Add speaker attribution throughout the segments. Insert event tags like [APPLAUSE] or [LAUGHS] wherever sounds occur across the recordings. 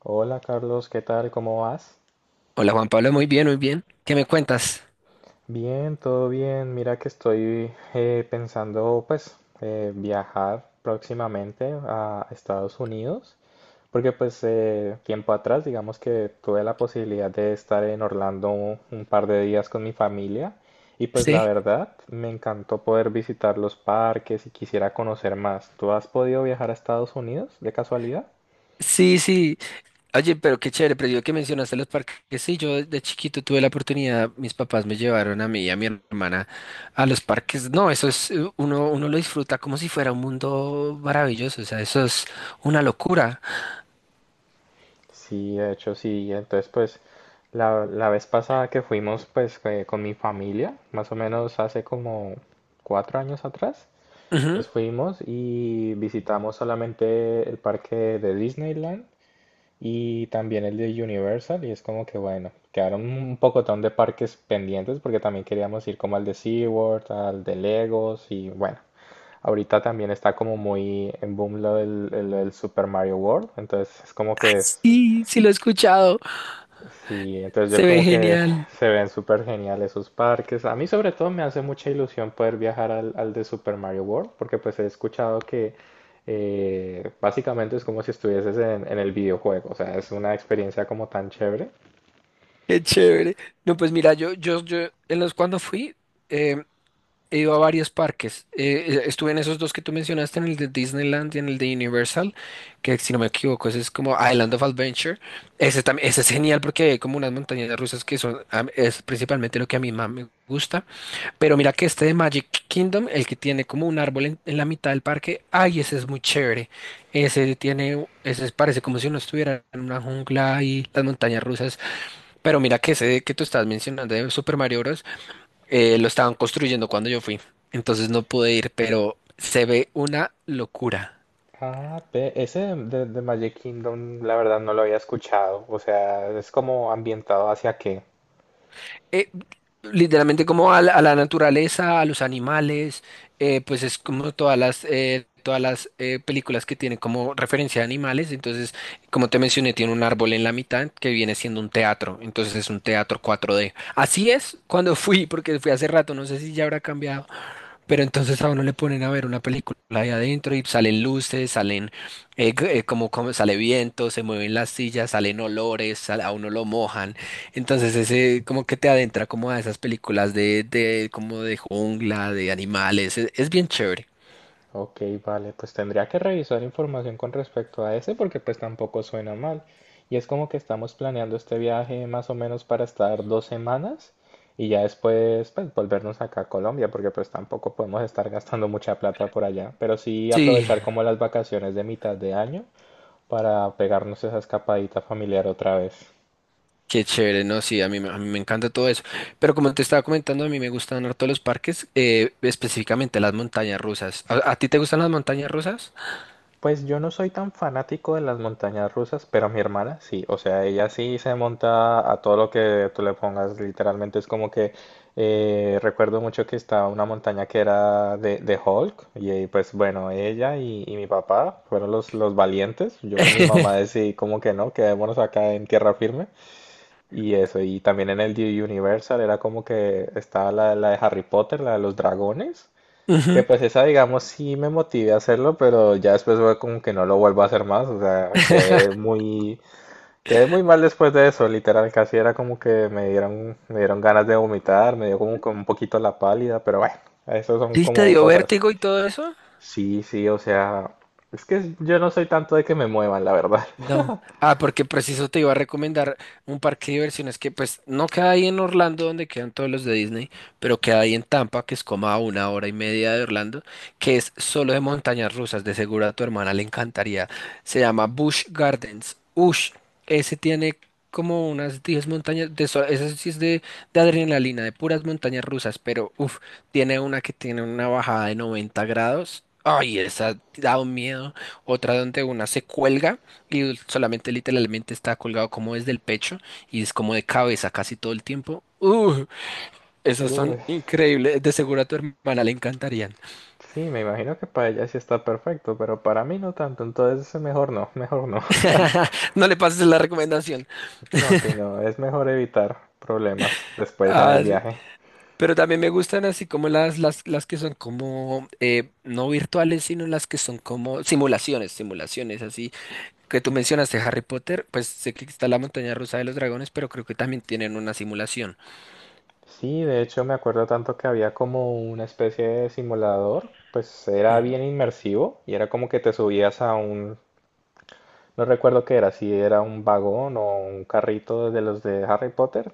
Speaker 1: Hola Carlos, ¿qué tal? ¿Cómo vas?
Speaker 2: Hola Juan Pablo, muy bien, muy bien. ¿Qué me cuentas?
Speaker 1: Bien, todo bien. Mira que estoy pensando pues viajar próximamente a Estados Unidos, porque pues tiempo atrás digamos que tuve la posibilidad de estar en Orlando un par de días con mi familia y pues la
Speaker 2: Sí,
Speaker 1: verdad me encantó poder visitar los parques y quisiera conocer más. ¿Tú has podido viajar a Estados Unidos de casualidad?
Speaker 2: sí, sí. Oye, pero qué chévere, pero yo que mencionaste los parques, sí, yo de chiquito tuve la oportunidad, mis papás me llevaron a mí y a mi hermana a los parques. No, eso es, uno lo disfruta como si fuera un mundo maravilloso, o sea, eso es una locura.
Speaker 1: Sí, de hecho sí. Entonces, pues, la vez pasada que fuimos, pues, con mi familia, más o menos hace como 4 años atrás,
Speaker 2: Ujú.
Speaker 1: pues fuimos y visitamos solamente el parque de Disneyland y también el de Universal y es como que, bueno, quedaron un pocotón de parques pendientes porque también queríamos ir como al de SeaWorld, al de Legos y bueno. Ahorita también está como muy en boom lo del, el Super Mario World, entonces es como
Speaker 2: Ay,
Speaker 1: que es,
Speaker 2: sí, sí lo he escuchado.
Speaker 1: sí, entonces yo
Speaker 2: Se ve
Speaker 1: como que
Speaker 2: genial.
Speaker 1: [LAUGHS] se ven súper geniales esos parques. A mí sobre todo me hace mucha ilusión poder viajar al de Super Mario World, porque pues he escuchado que básicamente es como si estuvieses en el videojuego, o sea, es una experiencia como tan chévere.
Speaker 2: Qué chévere. No, pues mira, yo, en los cuando fui, em, he ido a varios parques. Estuve en esos dos que tú mencionaste, en el de Disneyland y en el de Universal, que si no me equivoco, ese es como Island of Adventure. Ese también, ese es genial porque hay como unas montañas rusas que son, a es principalmente lo que a mí más me gusta. Pero mira que este de Magic Kingdom, el que tiene como un árbol en la mitad del parque, ay, ese es muy chévere. Ese tiene, ese parece como si uno estuviera en una jungla y las montañas rusas. Pero mira que ese que tú estás mencionando de Super Mario Bros. Lo estaban construyendo cuando yo fui, entonces no pude ir, pero se ve una locura.
Speaker 1: Ah, ve, ese de Magic Kingdom la verdad no lo había escuchado, o sea, es como ambientado hacia qué.
Speaker 2: Eh, Literalmente como a la naturaleza, a los animales, pues es como todas las películas que tienen como referencia a animales, entonces como te mencioné, tiene un árbol en la mitad que viene siendo un teatro, entonces es un teatro 4D. Así es cuando fui, porque fui hace rato, no sé si ya habrá cambiado. Pero entonces a uno le ponen a ver una película ahí adentro y salen luces, salen como, como sale viento, se mueven las sillas, salen olores, sal- a uno lo mojan. Entonces ese como que te adentra como a esas películas de como de jungla, de animales. Es bien chévere.
Speaker 1: Ok, vale, pues tendría que revisar información con respecto a ese porque pues tampoco suena mal. Y es como que estamos planeando este viaje más o menos para estar 2 semanas y ya después pues volvernos acá a Colombia porque pues tampoco podemos estar gastando mucha plata por allá, pero sí
Speaker 2: Sí,
Speaker 1: aprovechar como las vacaciones de mitad de año para pegarnos esa escapadita familiar otra vez.
Speaker 2: qué chévere, no, sí, a mí me encanta todo eso. Pero como te estaba comentando, a mí me gustan harto los parques, específicamente las montañas rusas. A ti te gustan las montañas rusas?
Speaker 1: Pues yo no soy tan fanático de las montañas rusas, pero mi hermana sí, o sea, ella sí se monta a todo lo que tú le pongas, literalmente es como que recuerdo mucho que estaba una montaña que era de Hulk y pues bueno, ella y mi papá fueron los valientes, yo con mi mamá
Speaker 2: [LAUGHS]
Speaker 1: decidí como que no, quedémonos acá en tierra firme y eso, y también en el de Universal era como que estaba la de Harry Potter, la de los dragones. Que
Speaker 2: Ujú.
Speaker 1: pues esa, digamos, sí me motivé a hacerlo, pero ya después fue como que no lo vuelvo a hacer más. O sea,
Speaker 2: [LAUGHS]
Speaker 1: quedé muy mal después de eso. Literal, casi era como que me dieron ganas de vomitar, me dio como que un poquito la pálida, pero bueno, eso son
Speaker 2: ¿Sí te
Speaker 1: como
Speaker 2: dio
Speaker 1: cosas.
Speaker 2: vértigo y todo eso?
Speaker 1: Sí, sí, o sea, es que yo no soy tanto de que me muevan, la verdad.
Speaker 2: No. Ah, porque preciso te iba a recomendar un parque de diversiones que pues no queda ahí en Orlando donde quedan todos los de Disney, pero queda ahí en Tampa, que es como a una hora y media de Orlando, que es solo de montañas rusas, de seguro a tu hermana le encantaría. Se llama Busch Gardens. Ush, ese tiene como unas 10 montañas, de so- ese sí es de adrenalina, de puras montañas rusas, pero uff, tiene una que tiene una bajada de 90 grados. Ay, esa da un miedo. Otra donde una se cuelga. Y solamente literalmente está colgado como desde el pecho y es como de cabeza casi todo el tiempo.
Speaker 1: [LAUGHS]
Speaker 2: Esas son
Speaker 1: Uy,
Speaker 2: increíbles. De seguro a tu hermana le encantarían.
Speaker 1: sí, me imagino que para ella sí está perfecto, pero para mí no tanto, entonces mejor no, mejor no. [LAUGHS]
Speaker 2: [LAUGHS] No le pases la recomendación.
Speaker 1: No, sí, no, es mejor evitar problemas después en el
Speaker 2: Ah,
Speaker 1: viaje.
Speaker 2: pero también me gustan así como las que son como no virtuales, sino las que son como simulaciones, simulaciones así. Que tú mencionaste Harry Potter, pues sé que está la montaña rusa de los dragones, pero creo que también tienen una simulación.
Speaker 1: Sí, de hecho me acuerdo tanto que había como una especie de simulador, pues era
Speaker 2: Ujú,
Speaker 1: bien inmersivo y era como que te subías a un, no recuerdo qué era, si era un vagón o un carrito de los de Harry Potter,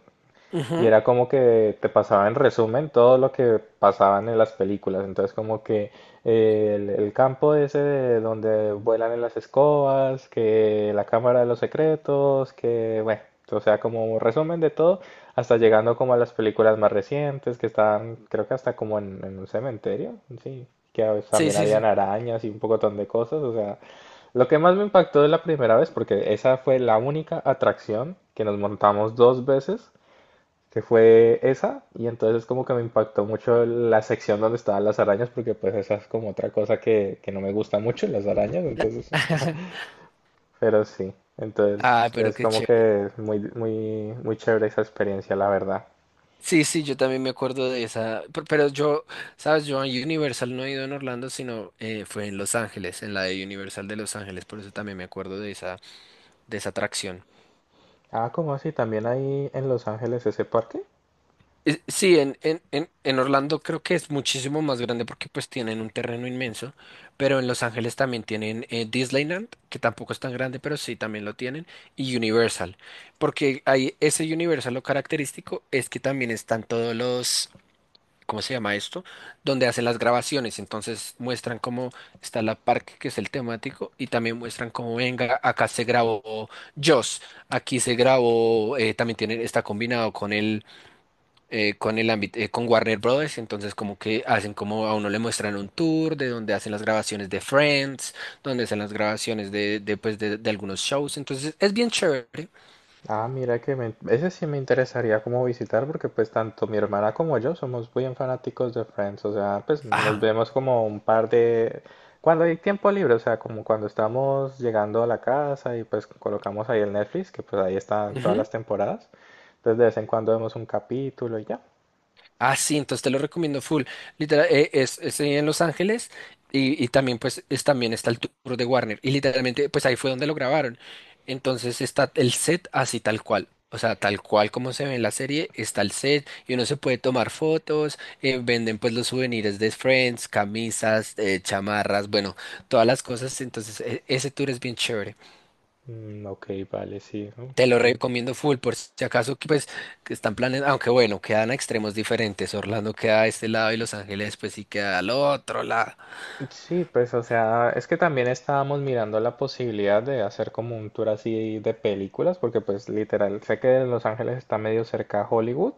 Speaker 1: y
Speaker 2: ujú.
Speaker 1: era como que te pasaba en resumen todo lo que pasaban en las películas. Entonces como que el campo ese de donde vuelan en las escobas, que la cámara de los secretos, que bueno, o sea, como un resumen de todo, hasta llegando como a las películas más recientes que estaban, creo que hasta como en un cementerio, sí, que a veces
Speaker 2: Sí,
Speaker 1: también
Speaker 2: sí,
Speaker 1: habían
Speaker 2: sí.
Speaker 1: arañas y un pocotón de cosas, o sea... Lo que más me impactó de la primera vez, porque esa fue la única atracción que nos montamos dos veces, que fue esa, y entonces como que me impactó mucho la sección donde estaban las arañas, porque pues esa es como otra cosa que no me gusta mucho, las arañas, entonces,
Speaker 2: [LAUGHS]
Speaker 1: pero sí, entonces
Speaker 2: Ah, pero
Speaker 1: es
Speaker 2: qué
Speaker 1: como
Speaker 2: chévere.
Speaker 1: que es muy, muy, muy chévere esa experiencia, la verdad.
Speaker 2: Sí, sí, yo también me acuerdo de esa, pe- pero yo, sabes, yo a Universal no he ido en Orlando, sino fue en Los Ángeles, en la de Universal de Los Ángeles, por eso también me acuerdo de esa atracción.
Speaker 1: Ah, ¿cómo así? ¿También hay en Los Ángeles ese parque?
Speaker 2: Sí, en Orlando creo que es muchísimo más grande porque pues tienen un terreno inmenso, pero en Los Ángeles también tienen Disneyland, que tampoco es tan grande, pero sí también lo tienen, y Universal, porque ahí ese Universal lo característico es que también están todos los ¿cómo se llama esto? Donde hacen las grabaciones. Entonces muestran cómo está la parque, que es el temático, y también muestran cómo venga, acá se grabó Joss, aquí se grabó, también tiene, está combinado con con el ámbito, con Warner Brothers. Entonces como que hacen como a uno le muestran un tour de donde hacen las grabaciones de Friends, donde hacen las grabaciones de, pues, de algunos shows. Entonces es bien chévere.
Speaker 1: Ah, mira que ese sí me interesaría como visitar porque pues tanto mi hermana como yo somos bien fanáticos de Friends, o sea, pues nos
Speaker 2: Ah,
Speaker 1: vemos como un par de... cuando hay tiempo libre, o sea, como cuando estamos llegando a la casa y pues colocamos ahí el Netflix, que pues ahí están todas
Speaker 2: ujú.
Speaker 1: las temporadas, entonces de vez en cuando vemos un capítulo y ya.
Speaker 2: Ah, sí, entonces te lo recomiendo full. Literal, es en Los Ángeles y también pues es, también está el tour de Warner. Y literalmente pues ahí fue donde lo grabaron. Entonces está el set así tal cual. O sea, tal cual como se ve en la serie, está el set y uno se puede tomar fotos, venden pues los souvenirs de Friends, camisas, chamarras, bueno, todas las cosas. Entonces e- ese tour es bien chévere.
Speaker 1: Mm, ok, vale, sí. ¿No?
Speaker 2: Te lo
Speaker 1: Mm.
Speaker 2: recomiendo full, por si acaso que pues que están planes, aunque bueno, quedan a extremos diferentes. Orlando queda a este lado y Los Ángeles pues sí queda al otro lado.
Speaker 1: Sí, pues o sea, es que también estábamos mirando la posibilidad de hacer como un tour así de películas, porque pues literal, sé que Los Ángeles está medio cerca a Hollywood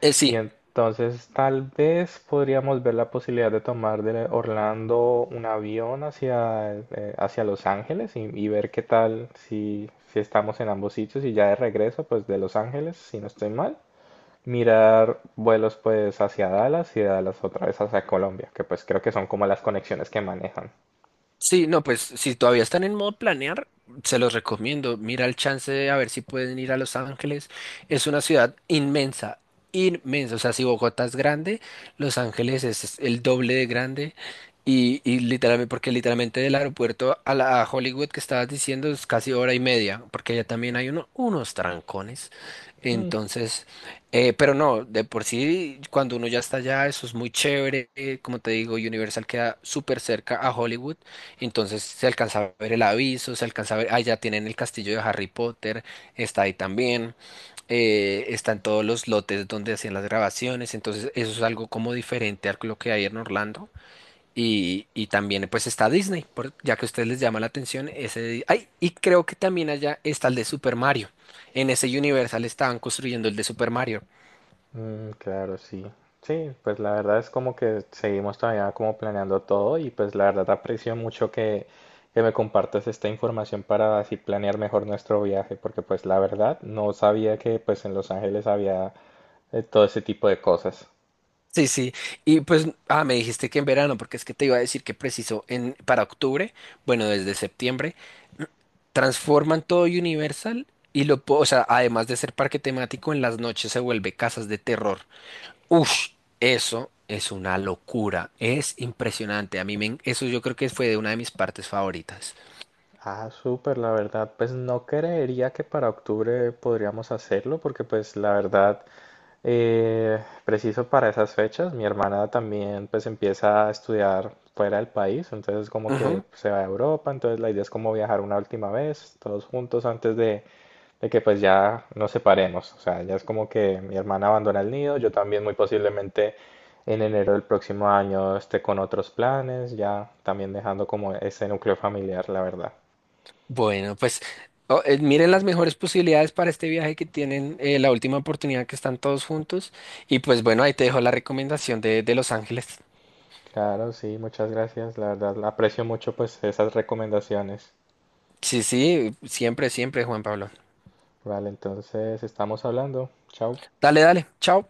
Speaker 2: Eh,
Speaker 1: y
Speaker 2: sí,
Speaker 1: entonces tal vez podríamos ver la posibilidad de tomar de Orlando un avión hacia, hacia Los Ángeles y ver qué tal si estamos en ambos sitios y ya de regreso pues de Los Ángeles, si no estoy mal mirar vuelos pues hacia Dallas y de Dallas otra vez hacia Colombia, que pues creo que son como las conexiones que manejan.
Speaker 2: Sí, no, pues si todavía están en modo planear, se los recomiendo. Mira el chance de a ver si pueden ir a Los Ángeles. Es una ciudad inmensa, inmensa. O sea, si Bogotá es grande, Los Ángeles es el doble de grande. Y literalmente, porque literalmente del aeropuerto a la a Hollywood que estabas diciendo es casi hora y media, porque allá también hay uno, unos trancones. Entonces, pero no, de por sí, cuando uno ya está allá, eso es muy chévere. Como te digo, Universal queda súper cerca a Hollywood. Entonces se alcanza a ver el aviso, se alcanza a ver, ah, ya tienen el castillo de Harry Potter, está ahí también, está en todos los lotes donde hacían las grabaciones, entonces eso es algo como diferente a lo que hay en Orlando. Y también pues está Disney, por- ya que a ustedes les llama la atención ese... Ay, y creo que también allá está el de Super Mario. En ese Universal estaban construyendo el de Super Mario.
Speaker 1: Mm, claro, sí. Sí, pues la verdad es como que seguimos todavía como planeando todo y pues la verdad aprecio mucho que me compartas esta información para así planear mejor nuestro viaje, porque pues la verdad no sabía que pues en Los Ángeles había todo ese tipo de cosas.
Speaker 2: Sí, sí. Y pues, ah, me dijiste que en verano, porque es que te iba a decir que preciso en para octubre, bueno, desde septiembre, transforman todo Universal y lo, po- o sea, además de ser parque temático, en las noches se vuelve casas de terror. Ush, eso es una locura. Es impresionante. A mí me, en- eso yo creo que fue de una de mis partes favoritas.
Speaker 1: Ah, súper, la verdad, pues no creería que para octubre podríamos hacerlo, porque pues la verdad Eh, preciso para esas fechas, mi hermana también pues empieza a estudiar fuera del país, entonces como que se va a Europa, entonces la idea es como viajar una última vez, todos juntos antes de que pues ya nos separemos, o sea, ya es como que mi hermana abandona el nido, yo también muy posiblemente en enero del próximo año esté con otros planes, ya también dejando como ese núcleo familiar, la verdad.
Speaker 2: Bueno, pues miren las mejores posibilidades para este viaje que tienen, la última oportunidad que están todos juntos. Y pues bueno, ahí te dejo la recomendación de Los Ángeles.
Speaker 1: Claro, sí, muchas gracias, la verdad aprecio mucho pues esas recomendaciones.
Speaker 2: Sí, sí, siempre, siempre, Juan Pablo.
Speaker 1: Vale, entonces estamos hablando. Chao.
Speaker 2: Dale, dale, chao.